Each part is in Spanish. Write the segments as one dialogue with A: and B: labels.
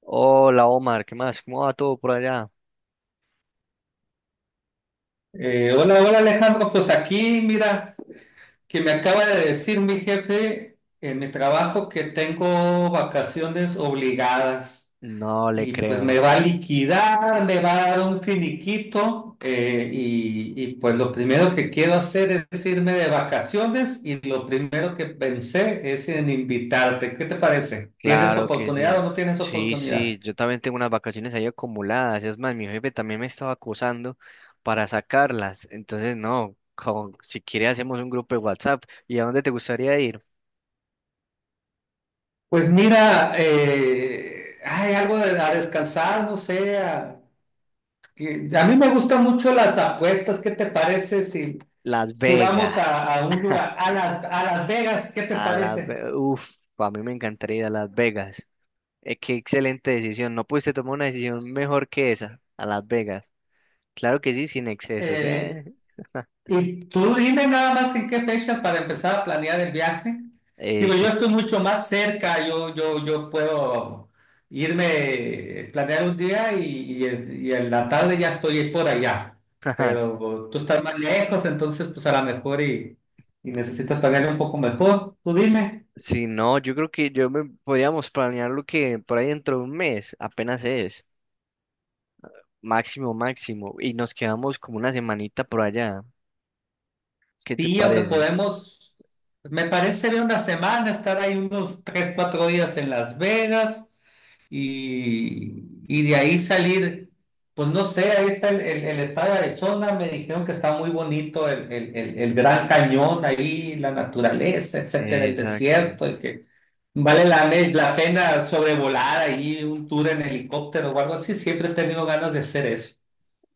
A: Hola Omar, ¿qué más? ¿Cómo va todo por allá?
B: Hola, hola Alejandro, pues aquí mira que me acaba de decir mi jefe en mi trabajo que tengo vacaciones obligadas
A: No le
B: y pues me
A: creo.
B: va a liquidar, me va a dar un finiquito y pues lo primero que quiero hacer es irme de vacaciones y lo primero que pensé es en invitarte. ¿Qué te parece? ¿Tienes
A: Claro que
B: oportunidad o
A: sí.
B: no tienes
A: Sí, sí,
B: oportunidad?
A: yo también tengo unas vacaciones ahí acumuladas. Es más, mi jefe también me estaba acusando para sacarlas. Entonces, no, si quiere hacemos un grupo de WhatsApp. ¿Y a dónde te gustaría ir?
B: Pues mira, hay algo de a descansar, no sé. A mí me gustan mucho las apuestas. ¿Qué te parece si,
A: Las
B: si
A: Vegas.
B: vamos a un lugar, a Las Vegas? ¿Qué te parece?
A: Uf, a mí me encantaría ir a Las Vegas. Qué excelente decisión. No pudiste tomar una decisión mejor que esa. A Las Vegas. Claro que sí, sin excesos,
B: Eh,
A: ¿eh?
B: y tú dime nada más en qué fechas para empezar a planear el viaje.
A: Eh,
B: Digo, yo
A: que...
B: estoy mucho más cerca, yo puedo irme, planear un día y en la tarde ya estoy por allá. Pero tú estás más lejos, entonces pues a lo mejor y necesitas planear un poco mejor. Tú dime.
A: Si no, yo creo que yo me podríamos planear lo que por ahí dentro de un mes apenas es, máximo, máximo, y nos quedamos como una semanita por allá. ¿Qué te
B: Sí, hombre,
A: parece?
B: podemos, me parece bien una semana, estar ahí unos 3, 4 días en Las Vegas y de ahí salir, pues no sé, ahí está el estado de Arizona, me dijeron que está muy bonito el Gran Cañón ahí, la naturaleza, etcétera, el
A: Exacto.
B: desierto, y que vale la pena sobrevolar ahí un tour en helicóptero o algo así, siempre he tenido ganas de hacer eso.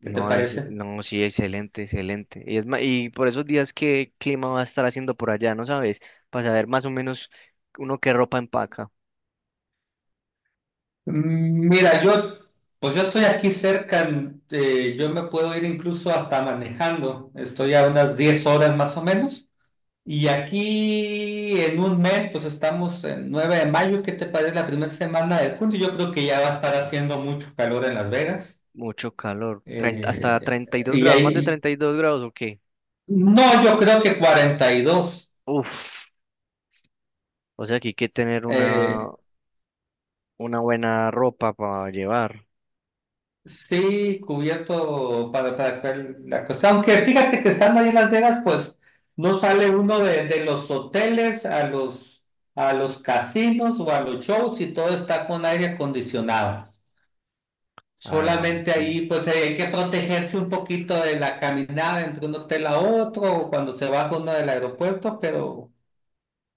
B: ¿Qué te parece?
A: no, sí, excelente, excelente. Y por esos días, ¿qué clima va a estar haciendo por allá? ¿No sabes? Para saber más o menos uno qué ropa empaca.
B: Mira, pues yo estoy aquí cerca, yo me puedo ir incluso hasta manejando, estoy a unas 10 horas más o menos, y aquí en un mes, pues estamos en 9 de mayo, ¿qué te parece la primera semana de junio? Yo creo que ya va a estar haciendo mucho calor en Las Vegas,
A: Mucho calor. 30 hasta
B: eh,
A: 32
B: y
A: grados, más de
B: ahí,
A: 32 grados, ¿o qué?
B: no, yo creo que 42.
A: Uf, o sea que hay que tener una,
B: eh,
A: una buena ropa para llevar.
B: Sí, cubierto para, la cuestión. Aunque fíjate que estando ahí en Las Vegas, pues no sale uno de los hoteles a los casinos o a los shows y todo está con aire acondicionado.
A: Ah,
B: Solamente
A: sí.
B: ahí, pues hay que protegerse un poquito de la caminada entre un hotel a otro o cuando se baja uno del aeropuerto, pero,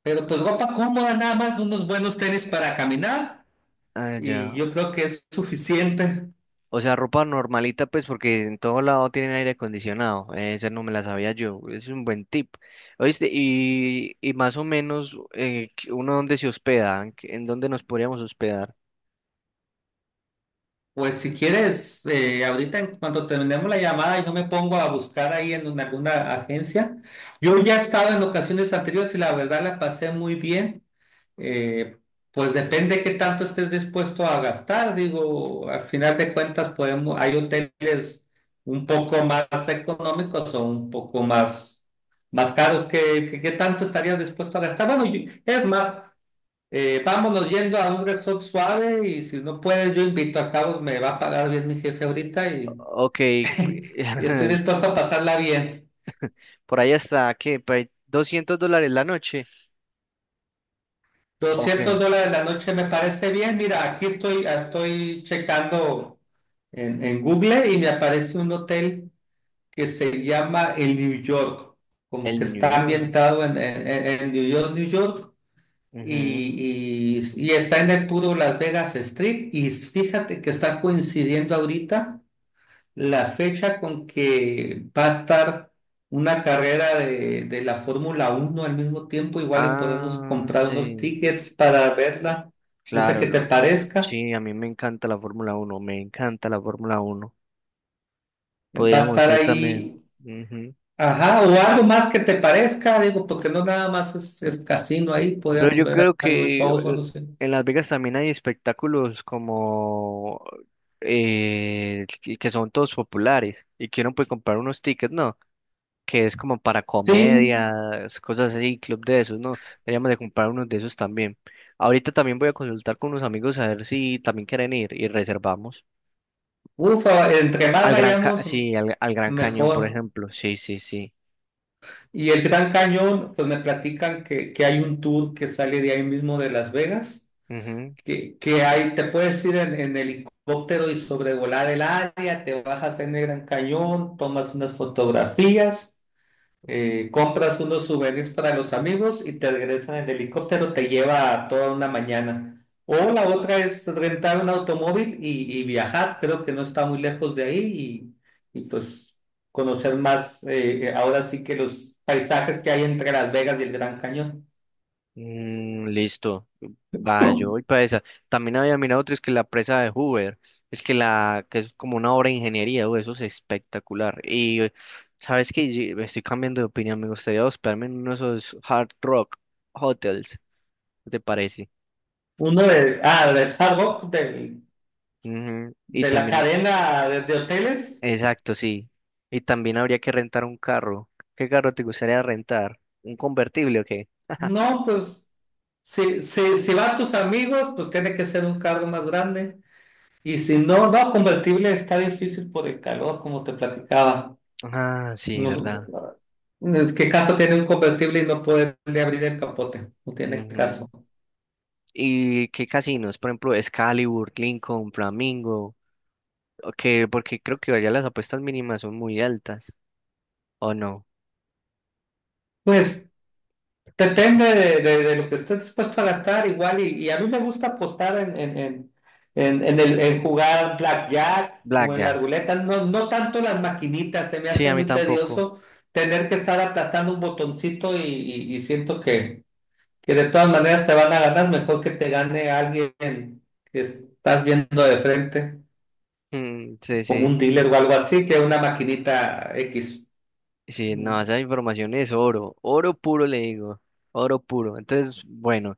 B: pero pues ropa cómoda, nada más, unos buenos tenis para caminar
A: Ah,
B: y
A: ya.
B: yo creo que es suficiente.
A: O sea, ropa normalita, pues, porque en todo lado tienen aire acondicionado. Esa no me la sabía yo. Es un buen tip. ¿Oíste? Y más o menos, que ¿uno dónde se hospeda? ¿En dónde nos podríamos hospedar?
B: Pues si quieres, ahorita en cuanto terminemos la llamada, yo me pongo a buscar ahí en alguna agencia. Yo ya he estado en ocasiones anteriores y la verdad la pasé muy bien. Eh, pues depende qué tanto estés dispuesto a gastar. Digo, al final de cuentas podemos, hay hoteles un poco más económicos o un poco más, más caros. ¿Qué tanto estarías dispuesto a gastar? Bueno, es más. Vámonos yendo a un resort suave y si no puedes, yo invito a Carlos, me va a pagar bien mi jefe ahorita
A: Ok.
B: y estoy dispuesto a pasarla bien.
A: Por ahí está, ¿qué? Por ahí $200 la noche.
B: doscientos
A: Ok.
B: dólares la noche me parece bien. Mira, aquí estoy, estoy checando en Google y me aparece un hotel que se llama el New York, como que
A: El New
B: está
A: York.
B: ambientado en New York, New York.
A: Ujú.
B: Y está en el puro Las Vegas Strip y fíjate que está coincidiendo ahorita la fecha con que va a estar una carrera de la Fórmula 1 al mismo tiempo, igual y podemos
A: Ah,
B: comprar unos
A: sí.
B: tickets para verla, no sé
A: Claro,
B: qué te
A: no.
B: parezca,
A: Sí, a mí me encanta la Fórmula 1. Me encanta la Fórmula uno.
B: va a
A: Podríamos
B: estar
A: ir también.
B: ahí,
A: Ujú.
B: ajá, o algo más que te parezca, digo, porque no nada más es casino ahí,
A: Pero
B: podríamos
A: yo
B: ver
A: creo
B: algunos
A: que
B: shows o algo así.
A: en Las Vegas también hay espectáculos como que son todos populares y que uno puede comprar unos tickets, ¿no? Que es como para
B: Sí,
A: comedias, cosas así, club de esos, ¿no? Deberíamos de comprar unos de esos también. Ahorita también voy a consultar con unos amigos a ver si también quieren ir y reservamos.
B: ufa, entre más
A: Al Gran Ca-
B: vayamos,
A: sí, al Gran Cañón, por
B: mejor.
A: ejemplo. Sí, sí, sí.
B: Y el Gran Cañón, pues me platican que hay un tour que sale de ahí mismo de Las Vegas
A: Ujú.
B: que hay, te puedes ir en helicóptero y sobrevolar el área, te bajas en el Gran Cañón, tomas unas fotografías, compras unos souvenirs para los amigos y te regresan en helicóptero, te lleva toda una mañana. O la otra es rentar un automóvil y viajar, creo que no está muy lejos de ahí y pues conocer más, ahora sí que los paisajes que hay entre Las Vegas y el Gran Cañón.
A: Mm, listo. Va, yo voy para esa. También había mirado otro, es que la presa de Hoover. Es que la, que es como una obra de ingeniería, uy, eso es espectacular. Y sabes que estoy cambiando de opinión, me gustaría hospedarme en uno de esos hard rock hotels. ¿Qué te parece?
B: Uno de, de Hard Rock, del
A: Ujú. Y
B: de la
A: también,
B: cadena de hoteles.
A: exacto, sí. Y también habría que rentar un carro. ¿Qué carro te gustaría rentar? ¿Un convertible o qué?
B: No, pues si van tus amigos, pues tiene que ser un carro más grande. Y si no, no, convertible está difícil por el calor, como te platicaba.
A: Ah, sí,
B: No,
A: verdad.
B: ¿qué caso tiene un convertible y no poderle abrir el capote? No tiene
A: Ujú.
B: caso.
A: ¿Y qué casinos? Por ejemplo, Excalibur, Lincoln, Flamingo. Porque creo que allá las apuestas mínimas son muy altas. ¿O no?
B: Pues depende de lo que estés dispuesto a gastar, igual, y a mí me gusta apostar en jugar blackjack o en la
A: Blackjack.
B: ruleta, no, no tanto las maquinitas, se me
A: Sí,
B: hace
A: a mí
B: muy
A: tampoco.
B: tedioso tener que estar aplastando un botoncito y siento que de todas maneras te van a ganar, mejor que te gane alguien que estás viendo de frente,
A: Mm, sí,
B: como
A: sí.
B: un dealer o algo así, que una maquinita X.
A: Sí, no, esa información es oro. Oro puro, le digo. Oro puro. Entonces, bueno,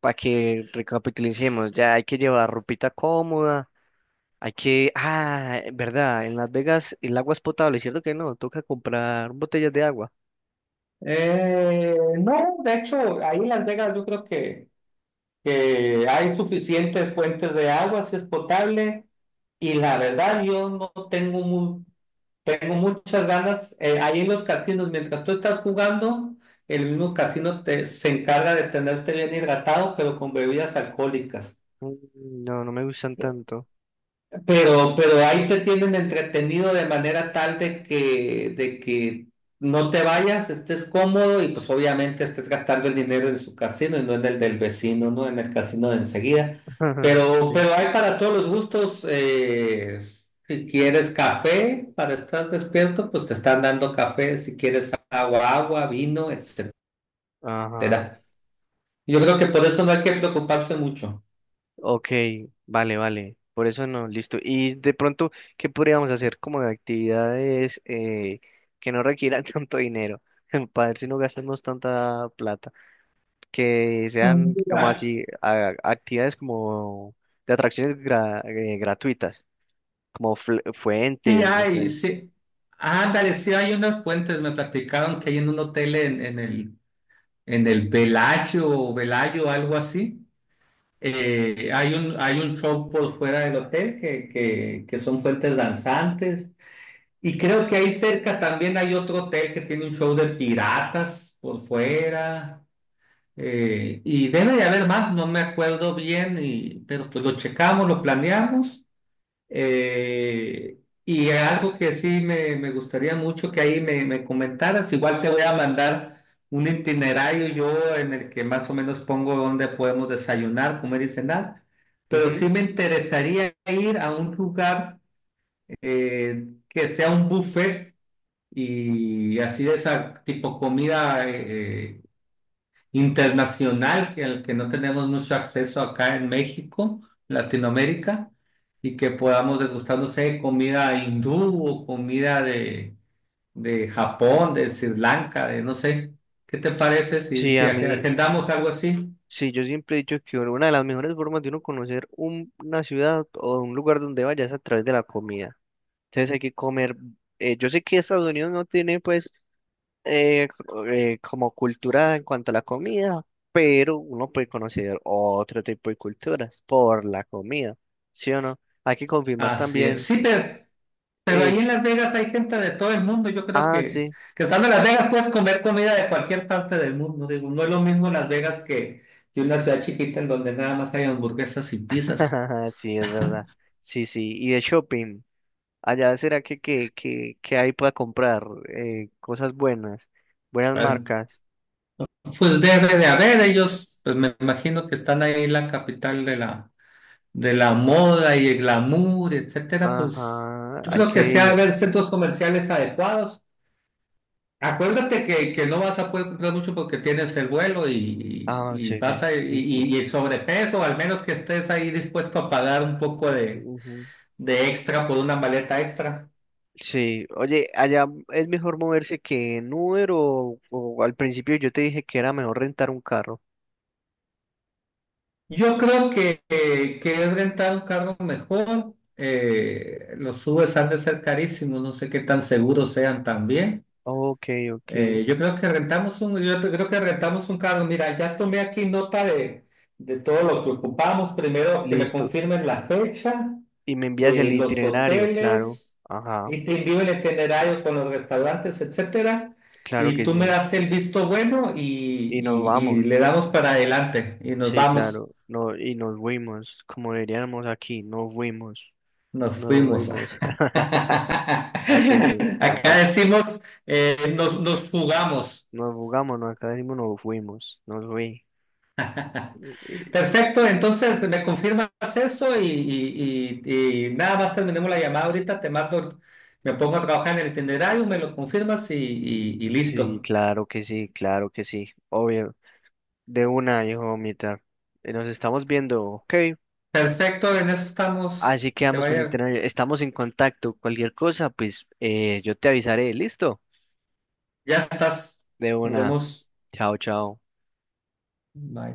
A: para que recapitulicemos, ya hay que llevar ropita cómoda. Hay que. Ah, verdad, en Las Vegas el agua es potable, ¿cierto que no? Toca comprar botellas de agua.
B: No, de hecho, ahí en Las Vegas yo creo que hay suficientes fuentes de agua, si es potable, y la verdad yo no tengo tengo muchas ganas, ahí en los casinos, mientras tú estás jugando, el mismo casino se encarga de tenerte bien hidratado, pero con bebidas alcohólicas.
A: Mm, no, no me gustan tanto.
B: Pero ahí te tienen entretenido de manera tal de que no te vayas, estés cómodo y pues obviamente estés gastando el dinero en su casino y no en el del vecino, ¿no? En el casino de enseguida. Pero,
A: Sí.
B: pero hay para todos los gustos. Si quieres café para estar despierto, pues te están dando café. Si quieres agua, agua, vino, etcétera.
A: Ajá,
B: Yo creo que por eso no hay que preocuparse mucho.
A: ok, vale, vale, por eso no, listo. Y de pronto, ¿qué podríamos hacer como de actividades que no requieran tanto dinero? Para ver si no gastamos tanta plata, que sean como
B: Mm.
A: así, actividades como de atracciones gratuitas, como
B: Sí
A: fuentes, no
B: hay,
A: sé.
B: sí. Ándale, sí hay unas fuentes, me platicaron que hay en un hotel en el Velayo o Velayo, algo así. Hay un show por fuera del hotel que son fuentes danzantes. Y creo que ahí cerca también hay otro hotel que tiene un show de piratas por fuera. Y debe de haber más, no me acuerdo bien, pero pues lo checamos, lo planeamos. Eh, y algo que sí me gustaría mucho que ahí me comentaras, igual te voy a mandar un itinerario yo en el que más o menos pongo dónde podemos desayunar, comer y cenar, pero
A: Ujú.
B: sí me interesaría ir a un lugar que sea un buffet y así de esa tipo comida. Internacional que al que no tenemos mucho acceso acá en México, Latinoamérica, y que podamos degustar, no sé, comida hindú o comida de Japón, de Sri Lanka, de no sé. ¿Qué te parece si,
A: Sí,
B: si
A: a mí,
B: agendamos algo así?
A: sí, yo siempre he dicho que una de las mejores formas de uno conocer una ciudad o un lugar donde vayas es a través de la comida. Entonces hay que comer. Yo sé que Estados Unidos no tiene, pues, como cultura en cuanto a la comida, pero uno puede conocer otro tipo de culturas por la comida, ¿sí o no? Hay que confirmar
B: Así es.
A: también.
B: Sí, pero
A: eh,
B: ahí en Las Vegas hay gente de todo el mundo. Yo creo
A: ah,
B: que,
A: sí,
B: que estando en Las Vegas puedes comer comida de cualquier parte del mundo. Digo, no es lo mismo Las Vegas que una ciudad chiquita en donde nada más hay hamburguesas y pizzas.
A: sí, es verdad. Sí, sí. Y de shopping. Allá será que hay para comprar cosas buenas, buenas
B: ¿Vale?
A: marcas.
B: Pues debe de haber, ellos, pues me imagino que están ahí en la capital de la moda y el glamour, etcétera, pues
A: Ajá,
B: yo
A: hay
B: creo
A: que
B: que sí ha de
A: ir.
B: haber centros comerciales adecuados. Acuérdate que no vas a poder comprar mucho porque tienes el vuelo
A: Ah,
B: y,
A: sí,
B: vas
A: sí,
B: a,
A: sí. Sí.
B: y el sobrepeso, al menos que estés ahí dispuesto a pagar un poco de extra por una maleta extra.
A: Sí, oye, allá es mejor moverse que en Uber o al principio yo te dije que era mejor rentar un carro.
B: Yo creo que es rentar un carro mejor. Los Ubers han de ser carísimos, no sé qué tan seguros sean también.
A: Ok, ok,
B: Yo creo que rentamos un, creo que rentamos un carro. Mira, ya tomé aquí nota de todo lo que ocupamos. Primero, que me
A: listo.
B: confirmen la fecha,
A: Y me envías el
B: los
A: itinerario, claro.
B: hoteles,
A: Ajá,
B: y te envío el itinerario con los restaurantes, etcétera.
A: claro
B: Y
A: que
B: tú me
A: sí.
B: das el visto bueno y,
A: Y nos
B: y y
A: vamos,
B: le damos para adelante y nos
A: sí,
B: vamos.
A: claro. No, y nos fuimos, como diríamos aquí, nos fuimos,
B: Nos
A: nos
B: fuimos.
A: fuimos. Ah, que sí,
B: Acá decimos, nos jugamos.
A: nos jugamos, nos acá decimos, nos fuimos, nos fui. Eh,
B: Perfecto, entonces me confirmas eso y nada más terminemos la llamada ahorita, te mando, me pongo a trabajar en el itinerario, me lo confirmas y
A: Sí,
B: listo.
A: claro que sí, claro que sí, obvio. De una, hijo, mamita. Nos estamos viendo, ok.
B: Perfecto, en eso
A: Así
B: estamos, que te
A: quedamos con
B: vaya,
A: internet. Estamos en contacto. Cualquier cosa, pues yo te avisaré. Listo.
B: ya estás,
A: De
B: nos
A: una.
B: vemos.
A: Chao, chao.
B: Bye.